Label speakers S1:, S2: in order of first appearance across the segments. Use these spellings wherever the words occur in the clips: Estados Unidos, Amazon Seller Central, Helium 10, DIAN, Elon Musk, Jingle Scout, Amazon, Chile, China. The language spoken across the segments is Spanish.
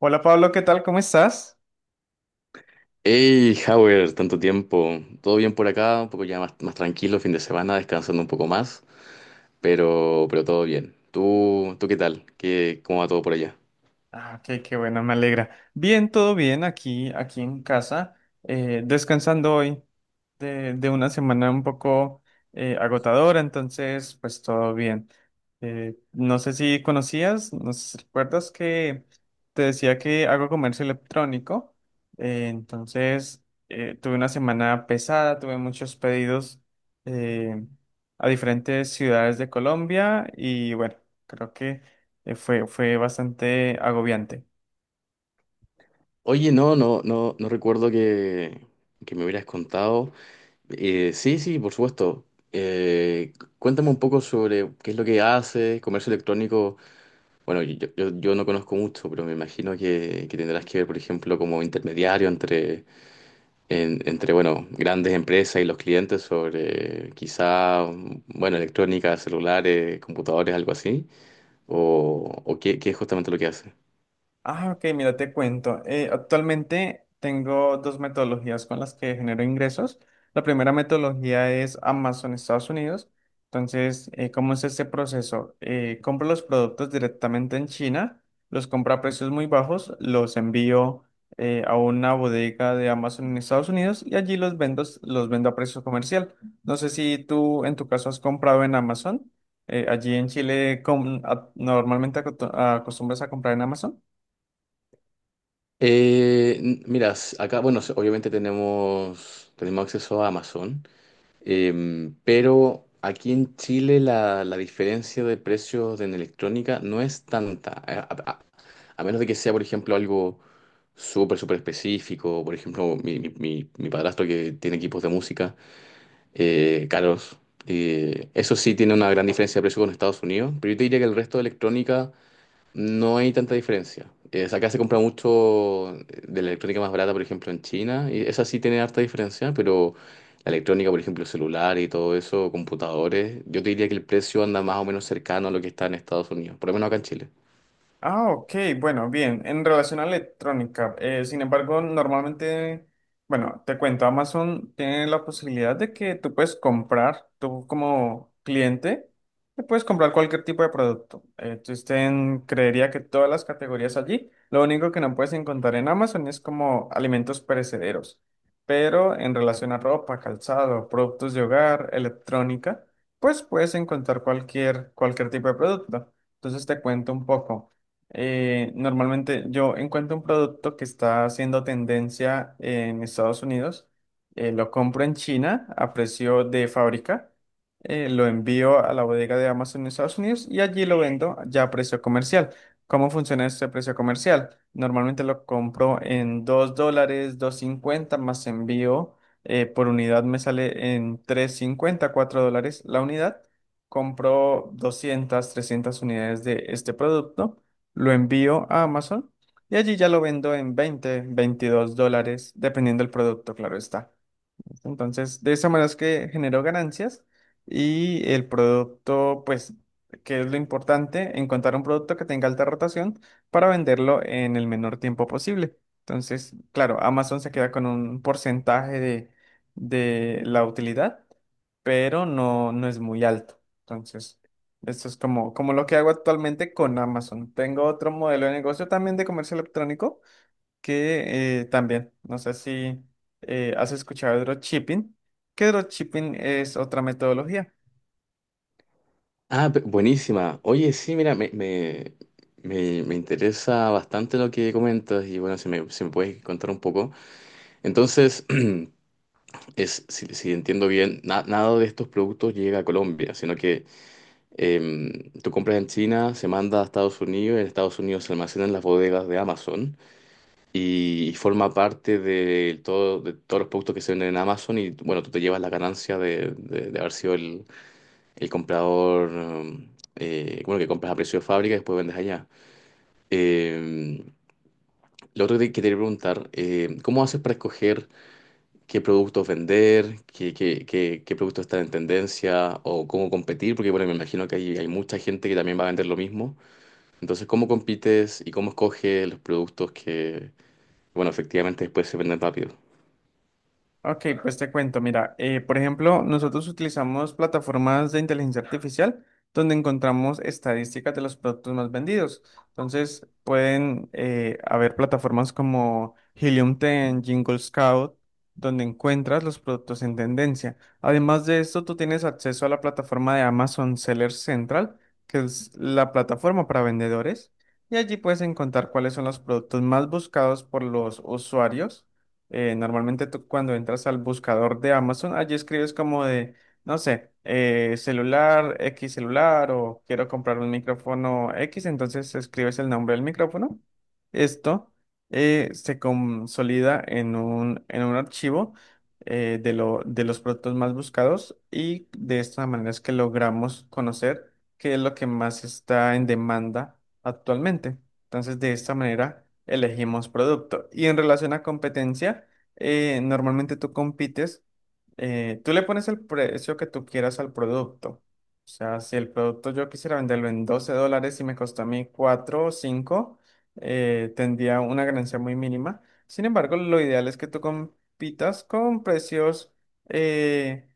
S1: Hola Pablo, ¿qué tal? ¿Cómo estás?
S2: Hey, Howard, tanto tiempo. Todo bien por acá, un poco ya más, más tranquilo, fin de semana, descansando un poco más, pero todo bien. ¿Tú, qué tal? ¿ Cómo va todo por allá?
S1: Ah, ok, qué bueno, me alegra. Bien, todo bien aquí en casa, descansando hoy de una semana un poco agotadora, entonces pues todo bien. No sé si conocías, no sé si recuerdas que te decía que hago comercio electrónico, entonces tuve una semana pesada, tuve muchos pedidos eh, a diferentes ciudades de Colombia y bueno, creo que fue bastante agobiante.
S2: Oye, no, no recuerdo que me hubieras contado. Sí, sí, por supuesto. Eh, Cuéntame un poco sobre qué es lo que haces, comercio electrónico. Bueno, yo no conozco mucho, pero me imagino que tendrás que ver, por ejemplo, como intermediario entre entre, bueno, grandes empresas y los clientes sobre quizá, bueno, electrónica, celulares, computadores, algo así, o qué es justamente lo que hace.
S1: Ah, ok, mira, te cuento. Actualmente tengo dos metodologías con las que genero ingresos. La primera metodología es Amazon Estados Unidos. Entonces, ¿cómo es este proceso? Compro los productos directamente en China, los compro a precios muy bajos, los envío a una bodega de Amazon en Estados Unidos y allí los vendo a precio comercial. No sé si tú en tu caso has comprado en Amazon. Allí en Chile, ¿normalmente acostumbras a comprar en Amazon?
S2: Mira, acá, bueno, obviamente tenemos acceso a Amazon. Pero aquí en Chile la diferencia de precios en electrónica no es tanta, a menos de que sea, por ejemplo, algo súper, súper específico. Por ejemplo, mi padrastro que tiene equipos de música caros. Eso sí tiene una gran diferencia de precio con Estados Unidos, pero yo te diría que el resto de electrónica no hay tanta diferencia. O sea, acá se compra mucho de la electrónica más barata, por ejemplo, en China, y esa sí tiene harta diferencia, pero la electrónica, por ejemplo, celular y todo eso, computadores, yo te diría que el precio anda más o menos cercano a lo que está en Estados Unidos, por lo menos acá en Chile.
S1: Ah, ok, bueno, bien. En relación a electrónica, sin embargo, normalmente, bueno, te cuento, Amazon tiene la posibilidad de que tú puedes comprar, tú como cliente, te puedes comprar cualquier tipo de producto. Existen, creería que todas las categorías allí. Lo único que no puedes encontrar en Amazon es como alimentos perecederos. Pero en relación a ropa, calzado, productos de hogar, electrónica, pues puedes encontrar cualquier tipo de producto. Entonces te cuento un poco. Normalmente yo encuentro un producto que está haciendo tendencia en Estados Unidos, lo compro en China a precio de fábrica, lo envío a la bodega de Amazon en Estados Unidos y allí lo vendo ya a precio comercial. ¿Cómo funciona este precio comercial? Normalmente lo compro en $2, 2.50 más envío. Por unidad me sale en $3.54 la unidad. Compro 200, 300 unidades de este producto, lo envío a Amazon y allí ya lo vendo en $20, $22, dependiendo del producto, claro está. Entonces, de esa manera es que generó ganancias y el producto, pues, que es lo importante, encontrar un producto que tenga alta rotación para venderlo en el menor tiempo posible. Entonces, claro, Amazon se queda con un porcentaje de la utilidad, pero no, no es muy alto. Entonces, esto es como lo que hago actualmente con Amazon. Tengo otro modelo de negocio también de comercio electrónico que también, no sé si has escuchado de dropshipping, que dropshipping es otra metodología.
S2: Buenísima. Oye, sí, mira, me interesa bastante lo que comentas y bueno, si me puedes contar un poco. Entonces, es, si entiendo bien, nada de estos productos llega a Colombia, sino que tú compras en China, se manda a Estados Unidos, en Estados Unidos se almacena en las bodegas de Amazon y forma parte de todos los productos que se venden en Amazon y bueno, tú te llevas la ganancia de haber sido el comprador. Bueno, que compras a precio de fábrica y después vendes allá. Em, lo otro que te quería preguntar, em, ¿cómo haces para escoger qué productos vender, qué productos están en tendencia o cómo competir? Porque bueno, me imagino que hay mucha gente que también va a vender lo mismo. Entonces, ¿cómo compites y cómo escoges los productos que, bueno, efectivamente después se venden rápido?
S1: Ok, pues te cuento, mira, por ejemplo, nosotros utilizamos plataformas de inteligencia artificial donde encontramos estadísticas de los productos más vendidos. Entonces, pueden haber plataformas como Helium 10, Jingle Scout, donde encuentras los productos en tendencia. Además de esto, tú tienes acceso a la plataforma de Amazon Seller Central, que es la plataforma para vendedores, y allí puedes encontrar cuáles son los productos más buscados por los usuarios. Normalmente tú cuando entras al buscador de Amazon, allí escribes como de, no sé, celular, X celular o quiero comprar un micrófono X, entonces escribes el nombre del micrófono. Esto se consolida en un archivo de los productos más buscados y de esta manera es que logramos conocer qué es lo que más está en demanda actualmente. Entonces, de esta manera elegimos producto. Y en relación a competencia, normalmente tú compites, tú le pones el precio que tú quieras al producto. O sea, si el producto yo quisiera venderlo en $12 y me costó a mí 4 o cinco, tendría una ganancia muy mínima. Sin embargo, lo ideal es que tú compitas con eh,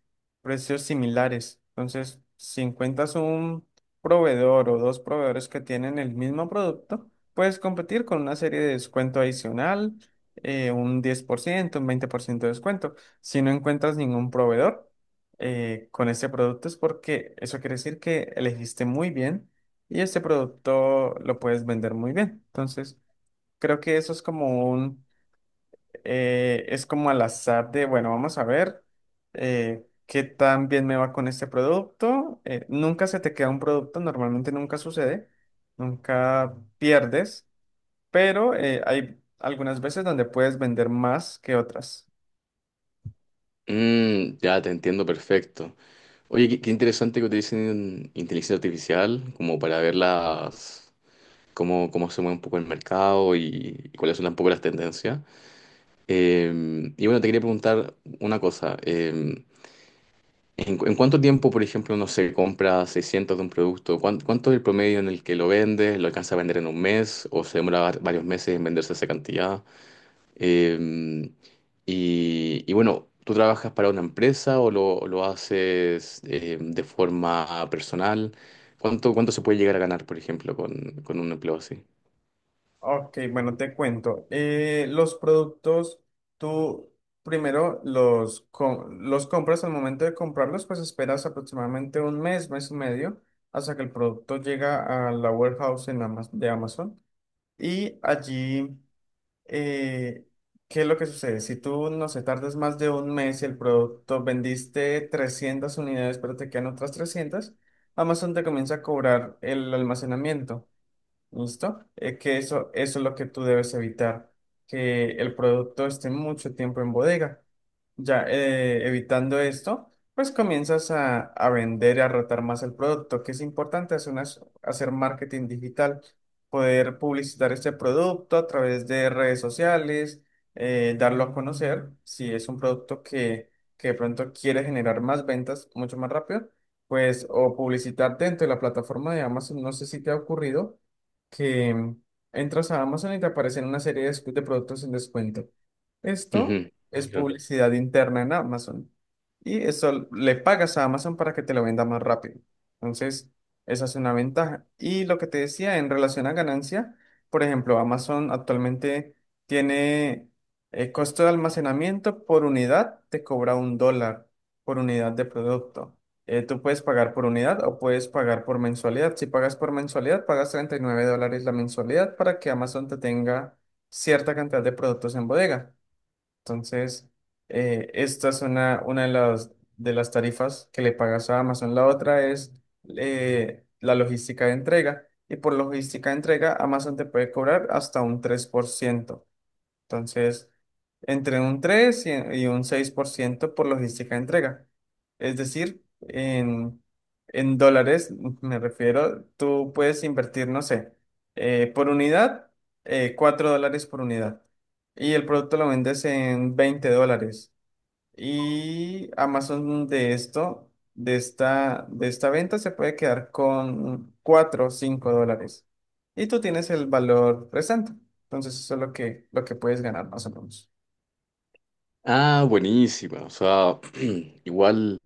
S1: precios similares. Entonces, si encuentras un proveedor o dos proveedores que tienen el mismo producto, puedes competir con una serie de descuento adicional, un 10%, un 20% de descuento. Si no encuentras ningún proveedor con este producto es porque eso quiere decir que elegiste muy bien y este producto lo puedes vender muy bien. Entonces, creo que eso es como es como al azar de, bueno, vamos a ver qué tan bien me va con este producto. Nunca se te queda un producto, normalmente nunca sucede, nunca pierdes, pero hay algunas veces donde puedes vender más que otras.
S2: Mm, ya te entiendo perfecto. Oye, qué interesante que utilicen inteligencia artificial como para ver las, cómo se mueve un poco el mercado y cuáles son un poco las tendencias. Y bueno, te quería preguntar una cosa. ¿ En cuánto tiempo, por ejemplo, uno se compra 600 de un producto? ¿ Cuánto es el promedio en el que lo vendes? ¿Lo alcanza a vender en un mes? ¿O se demora varios meses en venderse esa cantidad? Eh, y bueno, ¿tú trabajas para una empresa o lo haces de forma personal? ¿ Cuánto se puede llegar a ganar, por ejemplo, con un empleo así?
S1: Ok, bueno, te cuento. Los productos, tú primero los compras, al momento de comprarlos, pues esperas aproximadamente un mes, mes y medio, hasta que el producto llega a la warehouse en de Amazon. Y allí... eh, ¿qué es lo que sucede? Si tú, no sé, tardas más de un mes y el producto vendiste 300 unidades, pero te quedan otras 300, Amazon te comienza a cobrar el almacenamiento, ¿listo? Que eso es lo que tú debes evitar, que el producto esté mucho tiempo en bodega. Ya evitando esto, pues comienzas a vender y a rotar más el producto, que es importante hacer marketing digital, poder publicitar este producto a través de redes sociales, darlo a conocer, si es un producto que de pronto quiere generar más ventas mucho más rápido, pues o publicitar dentro de la plataforma de Amazon, no sé si te ha ocurrido que entras a Amazon y te aparecen una serie de productos en descuento. Esto
S2: Ujú,
S1: es
S2: claro.
S1: publicidad interna en Amazon. Y eso le pagas a Amazon para que te lo venda más rápido. Entonces, esa es una ventaja. Y lo que te decía en relación a ganancia, por ejemplo, Amazon actualmente tiene costo de almacenamiento por unidad, te cobra $1 por unidad de producto. Tú puedes pagar por unidad o puedes pagar por mensualidad. Si pagas por mensualidad, pagas $39 la mensualidad para que Amazon te tenga cierta cantidad de productos en bodega. Entonces, esta es una de las tarifas que le pagas a Amazon. La otra es la logística de entrega. Y por logística de entrega, Amazon te puede cobrar hasta un 3%, entonces, entre un 3 y un 6% por logística de entrega. Es decir, en dólares, me refiero, tú puedes invertir, no sé, por unidad, $4 por unidad. Y el producto lo vendes en $20. Y Amazon de esto, de esta venta, se puede quedar con 4, o $5. Y tú tienes el valor restante. Entonces, eso es lo que puedes ganar más o menos.
S2: Ah, buenísima. O sea, igual.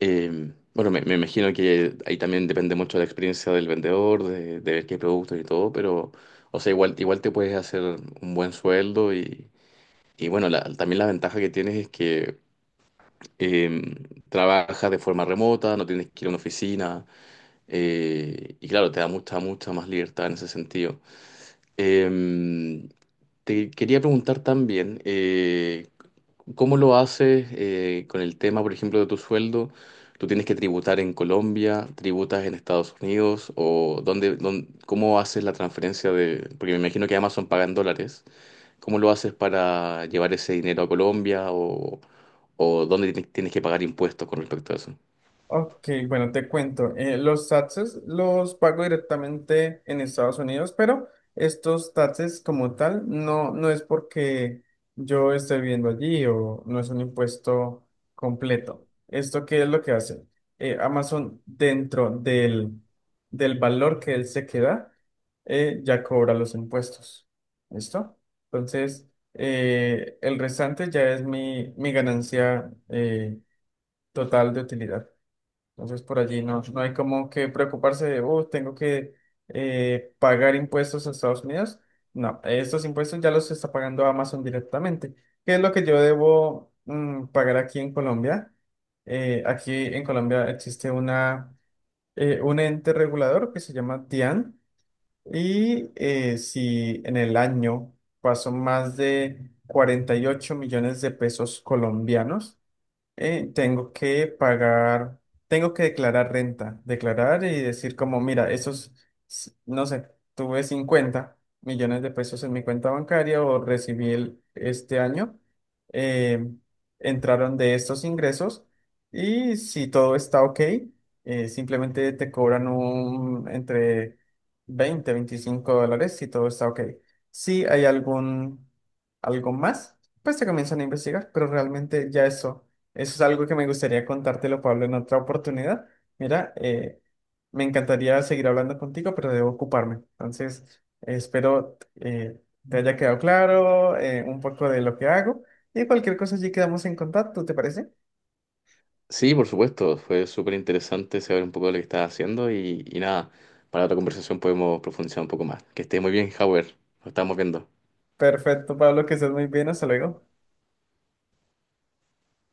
S2: Bueno, me imagino que ahí también depende mucho de la experiencia del vendedor, de ver qué productos y todo, pero, o sea, igual, igual te puedes hacer un buen sueldo. Y, y bueno, también la ventaja que tienes es que eh, trabajas de forma remota, no tienes que ir a una oficina. Eh, y claro, te da mucha, mucha más libertad en ese sentido. Em, te quería preguntar también, ¿cómo lo haces con el tema, por ejemplo, de tu sueldo? ¿Tú tienes que tributar en Colombia, tributas en Estados Unidos o cómo haces la transferencia de, porque me imagino que Amazon paga en dólares? ¿Cómo lo haces para llevar ese dinero a Colombia o dónde tienes que pagar impuestos con respecto a eso?
S1: Ok, bueno, te cuento. Los taxes los pago directamente en Estados Unidos, pero estos taxes como tal no, no es porque yo esté viviendo allí o no es un impuesto completo. ¿Esto qué es lo que hace? Amazon dentro del valor que él se queda, ya cobra los impuestos. ¿Listo? Entonces, el restante ya es mi ganancia total de utilidad. Entonces por allí no, no hay como que preocuparse de, oh, tengo que pagar impuestos a Estados Unidos. No, estos impuestos ya los está pagando Amazon directamente. ¿Qué es lo que yo debo pagar aquí en Colombia? Aquí en Colombia existe un ente regulador que se llama DIAN, y si en el año pasó más de 48 millones de pesos colombianos, tengo que pagar, tengo que declarar renta, declarar y decir como, mira, esos, no sé, tuve 50 millones de pesos en mi cuenta bancaria, o recibí este año, eh, entraron de estos ingresos, y si todo está ok, simplemente te cobran entre $20-25 si todo está ok. Si hay algo más, pues te comienzan a investigar, pero realmente ya eso. Eso es algo que me gustaría contártelo, Pablo, en otra oportunidad. Mira, me encantaría seguir hablando contigo, pero debo ocuparme. Entonces, espero te haya quedado claro un poco de lo que hago y cualquier cosa allí quedamos en contacto, ¿te parece?
S2: Sí, por supuesto, fue súper interesante saber un poco de lo que estás haciendo y nada, para otra conversación podemos profundizar un poco más. Que esté muy bien, Howard, nos estamos viendo.
S1: Perfecto, Pablo, que estés muy bien. Hasta luego.